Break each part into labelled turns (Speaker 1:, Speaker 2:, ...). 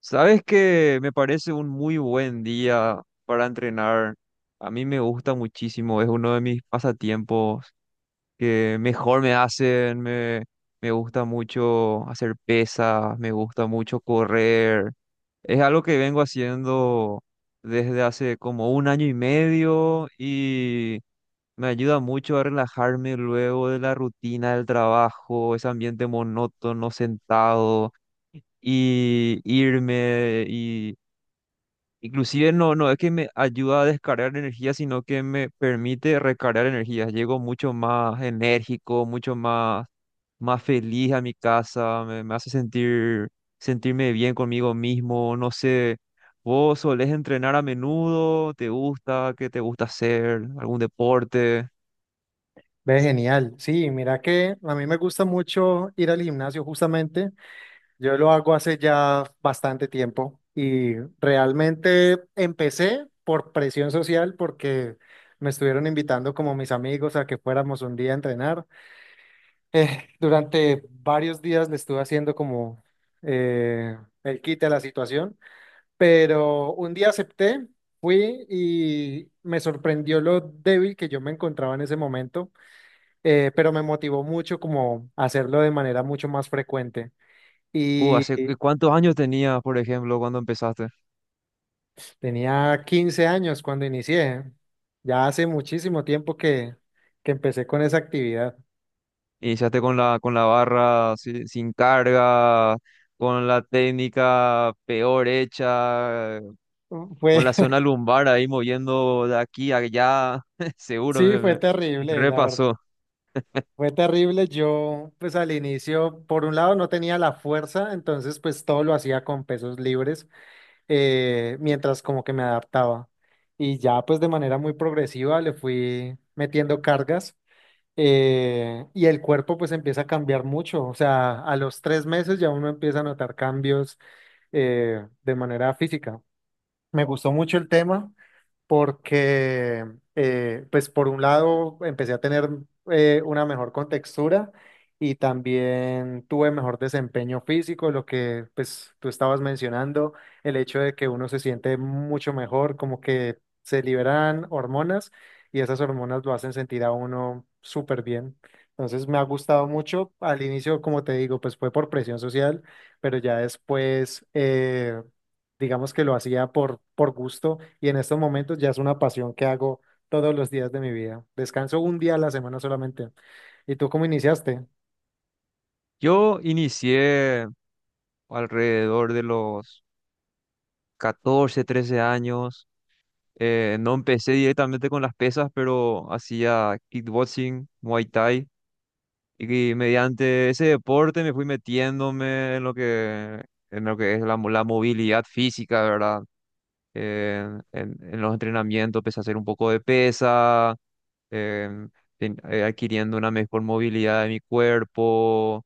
Speaker 1: Sabes que me parece un muy buen día para entrenar. A mí me gusta muchísimo, es uno de mis pasatiempos que mejor me hacen. Me gusta mucho hacer pesas, me gusta mucho correr. Es algo que vengo haciendo desde hace como un año y medio y me ayuda mucho a relajarme luego de la rutina del trabajo, ese ambiente monótono, sentado y irme y. Inclusive no, no es que me ayuda a descargar energía, sino que me permite recargar energía. Llego mucho más enérgico, mucho más, más feliz a mi casa, me hace sentirme bien conmigo mismo. No sé, ¿vos solés entrenar a menudo? ¿Te gusta? ¿Qué te gusta hacer? ¿Algún deporte?
Speaker 2: Ve, genial. Sí, mira que a mí me gusta mucho ir al gimnasio justamente. Yo lo hago hace ya bastante tiempo y realmente empecé por presión social porque me estuvieron invitando como mis amigos a que fuéramos un día a entrenar. Durante varios días le estuve haciendo como eh, el quite a la situación, pero un día acepté, fui y me sorprendió lo débil que yo me encontraba en ese momento, pero me motivó mucho como a hacerlo de manera mucho más frecuente. Y
Speaker 1: ¿Hace cuántos años tenías, por ejemplo, cuando empezaste?
Speaker 2: tenía 15 años cuando inicié. Ya hace muchísimo tiempo que empecé con esa actividad.
Speaker 1: Iniciaste con con la barra sin carga, con la técnica peor hecha, con la
Speaker 2: Fue,
Speaker 1: zona lumbar ahí moviendo de aquí a allá, seguro
Speaker 2: sí, fue
Speaker 1: me
Speaker 2: terrible, la verdad.
Speaker 1: repasó.
Speaker 2: Fue terrible. Yo, pues al inicio, por un lado no tenía la fuerza, entonces pues todo lo hacía con pesos libres, mientras como que me adaptaba. Y ya pues de manera muy progresiva le fui metiendo cargas. Y el cuerpo pues empieza a cambiar mucho, o sea, a los 3 meses ya uno empieza a notar cambios, de manera física. Me gustó mucho el tema, porque, pues por un lado, empecé a tener una mejor contextura y también tuve mejor desempeño físico, lo que pues tú estabas mencionando, el hecho de que uno se siente mucho mejor, como que se liberan hormonas y esas hormonas lo hacen sentir a uno súper bien. Entonces me ha gustado mucho. Al inicio, como te digo, pues fue por presión social, pero ya después digamos que lo hacía por gusto y en estos momentos ya es una pasión que hago todos los días de mi vida. Descanso un día a la semana solamente. ¿Y tú cómo iniciaste?
Speaker 1: Yo inicié alrededor de los 14 13 años. No empecé directamente con las pesas, pero hacía kickboxing, Muay Thai. Y que mediante ese deporte me fui metiéndome en lo que es la movilidad física, ¿verdad? Eh, en los entrenamientos empecé a hacer un poco de pesa, em, adquiriendo una mejor movilidad de mi cuerpo,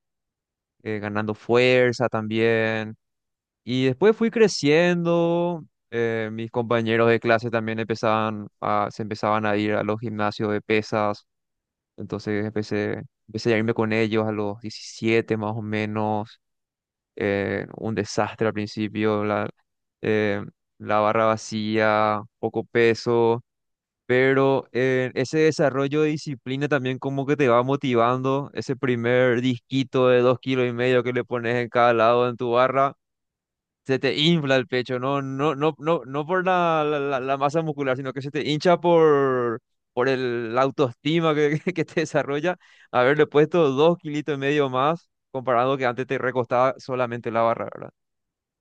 Speaker 1: ganando fuerza también. Y después fui creciendo. Mis compañeros de clase también empezaban a, se empezaban a ir a los gimnasios de pesas. Entonces empecé a irme con ellos a los 17 más o menos. Un desastre al principio, eh, la barra vacía, poco peso, pero ese desarrollo de disciplina también como que te va motivando. Ese primer disquito de dos kilos y medio que le pones en cada lado en tu barra se te infla el pecho, no, no, no, no, no por la masa muscular, sino que se te hincha por la autoestima que, que te desarrolla. Haberle puesto dos kilitos y medio más, comparado que antes te recostaba solamente la barra, ¿verdad?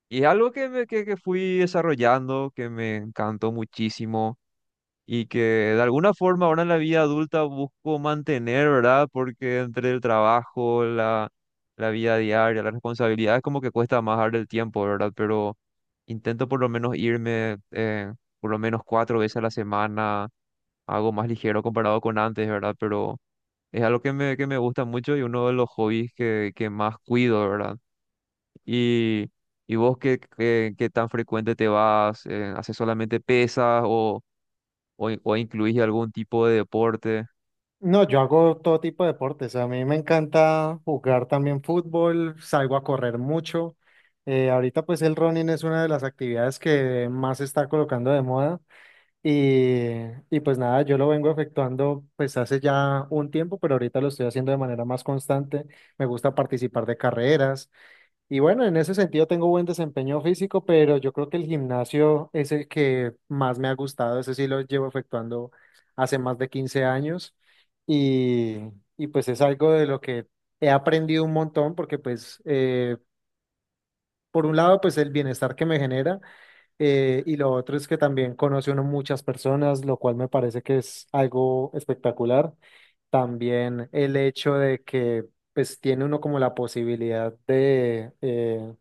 Speaker 1: Y es algo que fui desarrollando, que me encantó muchísimo y que de alguna forma ahora en la vida adulta busco mantener, ¿verdad? Porque entre el trabajo, la vida diaria, las responsabilidades, como que cuesta más darle el tiempo, ¿verdad? Pero intento por lo menos irme por lo menos cuatro veces a la semana, algo más ligero comparado con antes, ¿verdad? Pero es algo que me gusta mucho y uno de los hobbies que más cuido, ¿verdad? Y, y vos, ¿qué tan frecuente te vas? ¿Haces solamente pesas o incluís algún tipo de deporte?
Speaker 2: No, yo hago todo tipo de deportes. A mí me encanta jugar también fútbol, salgo a correr mucho. Ahorita pues el running es una de las actividades que más se está colocando de moda y, y pues nada, yo lo vengo efectuando pues hace ya un tiempo, pero ahorita lo estoy haciendo de manera más constante. Me gusta participar de carreras, y bueno, en ese sentido tengo buen desempeño físico, pero yo creo que el gimnasio es el que más me ha gustado. Ese sí lo llevo efectuando hace más de 15 años y, y pues es algo de lo que he aprendido un montón porque pues por un lado pues el bienestar que me genera, y lo otro es que también conoce uno muchas personas, lo cual me parece que es algo espectacular. También el hecho de que pues tiene uno como la posibilidad de...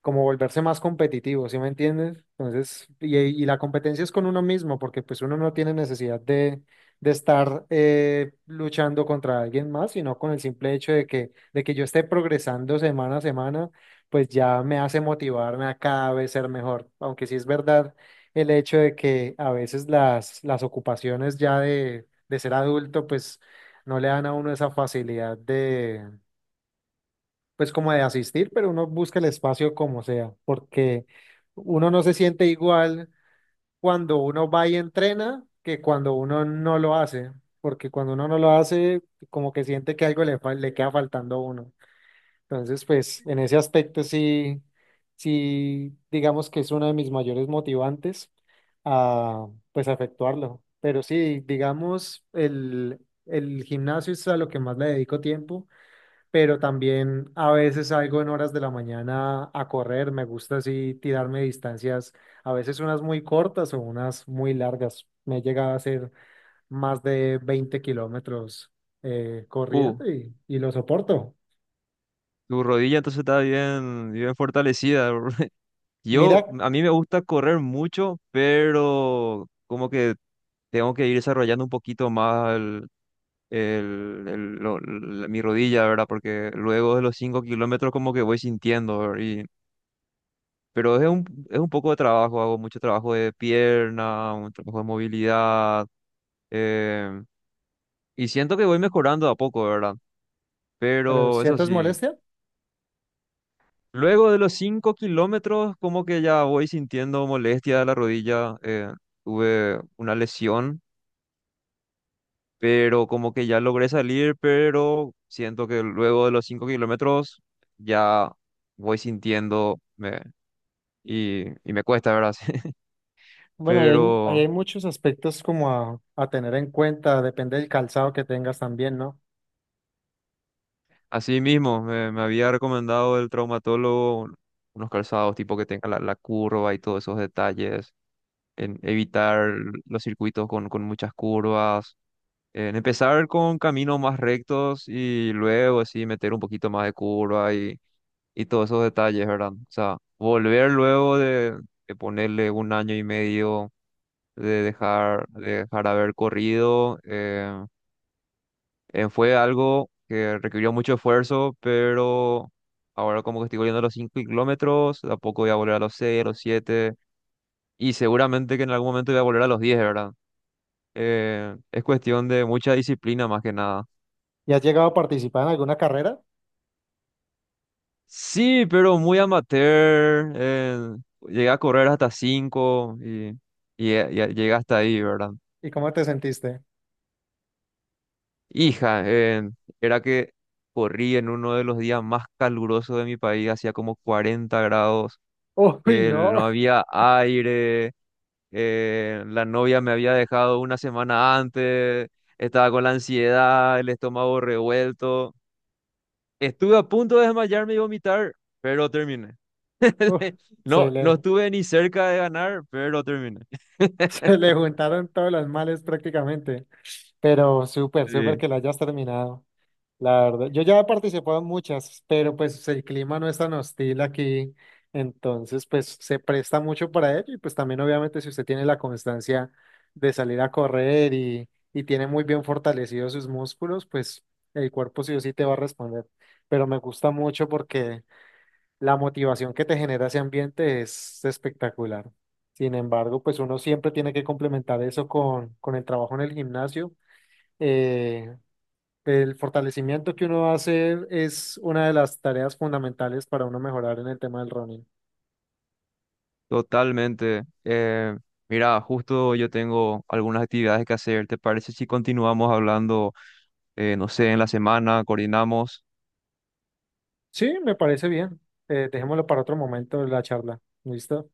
Speaker 2: como volverse más competitivo, ¿sí me entiendes? Entonces, y la competencia es con uno mismo, porque pues uno no tiene necesidad de estar luchando contra alguien más, sino con el simple hecho de que yo esté progresando semana a semana, pues ya me hace motivarme a cada vez ser mejor. Aunque sí es verdad el hecho de que a veces las ocupaciones ya de ser adulto, pues no le dan a uno esa facilidad pues como de asistir, pero uno busca el espacio como sea, porque uno no se siente igual cuando uno va y entrena que cuando uno no lo hace, porque cuando uno no lo hace, como que siente que algo le, le queda faltando a uno. Entonces, pues en ese aspecto sí, sí, digamos que es uno de mis mayores motivantes a, pues, a efectuarlo. Pero sí, digamos, el gimnasio es a lo que más le dedico tiempo, pero también a veces salgo en horas de la mañana a correr. Me gusta así tirarme distancias, a veces unas muy cortas o unas muy largas. Me he llegado a hacer más de 20 kilómetros
Speaker 1: Uh,
Speaker 2: corriendo y lo soporto.
Speaker 1: Tu rodilla entonces está bien, bien fortalecida. Yo,
Speaker 2: Mira,
Speaker 1: a mí me gusta correr mucho, pero como que tengo que ir desarrollando un poquito más mi rodilla, ¿verdad? Porque luego de los 5 kilómetros como que voy sintiendo, ¿verdad? Pero es un poco de trabajo, hago mucho trabajo de pierna, un trabajo de movilidad, em, y siento que voy mejorando de a poco, ¿verdad?
Speaker 2: pero
Speaker 1: Pero eso
Speaker 2: ¿sientes
Speaker 1: sí.
Speaker 2: molestia?
Speaker 1: Luego de los 5 kilómetros, como que ya voy sintiendo molestia de la rodilla. Tuve una lesión, pero como que ya logré salir, pero siento que luego de los 5 kilómetros ya voy y me cuesta, ¿verdad?
Speaker 2: Bueno, ahí hay, ahí
Speaker 1: Pero
Speaker 2: hay muchos aspectos como a tener en cuenta, depende del calzado que tengas también, ¿no?
Speaker 1: así mismo, me había recomendado el traumatólogo unos calzados tipo que tenga la curva y todos esos detalles, en evitar los circuitos con muchas curvas, en empezar con caminos más rectos y luego así meter un poquito más de curva y todos esos detalles, ¿verdad? O sea, volver luego de ponerle un año y medio de dejar haber corrido, fue algo que requirió mucho esfuerzo, pero ahora como que estoy volviendo a los 5 kilómetros, de a poco voy a volver a los 6 a los 7 y seguramente que en algún momento voy a volver a los 10, ¿verdad? Es cuestión de mucha disciplina más que nada.
Speaker 2: ¿Y has llegado a participar en alguna carrera?
Speaker 1: Sí, pero muy amateur. Llegué a correr hasta 5 llegué hasta ahí, ¿verdad?
Speaker 2: ¿Y cómo te sentiste?
Speaker 1: Hija, era que corrí en uno de los días más calurosos de mi país, hacía como 40 grados,
Speaker 2: Uy, no.
Speaker 1: no había aire, la novia me había dejado una semana antes, estaba con la ansiedad, el estómago revuelto. Estuve a punto de desmayarme y vomitar, pero terminé.
Speaker 2: Uf, se
Speaker 1: No, no
Speaker 2: le,
Speaker 1: estuve ni cerca de ganar, pero terminé.
Speaker 2: se le juntaron todos los males prácticamente, pero súper, súper
Speaker 1: Sí,
Speaker 2: que lo hayas terminado, la verdad. Yo ya he participado en muchas, pero pues el clima no es tan hostil aquí, entonces pues se presta mucho para ello y pues también obviamente si usted tiene la constancia de salir a correr y tiene muy bien fortalecidos sus músculos, pues el cuerpo sí o sí te va a responder. Pero me gusta mucho porque la motivación que te genera ese ambiente es espectacular. Sin embargo, pues uno siempre tiene que complementar eso con el trabajo en el gimnasio. Eh, el fortalecimiento que uno hace es una de las tareas fundamentales para uno mejorar en el tema del running.
Speaker 1: totalmente. Mira, justo yo tengo algunas actividades que hacer. ¿Te parece si continuamos hablando, no sé, en la semana, coordinamos?
Speaker 2: Sí, me parece bien. Dejémoslo para otro momento de la charla. ¿Listo?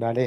Speaker 2: Dale.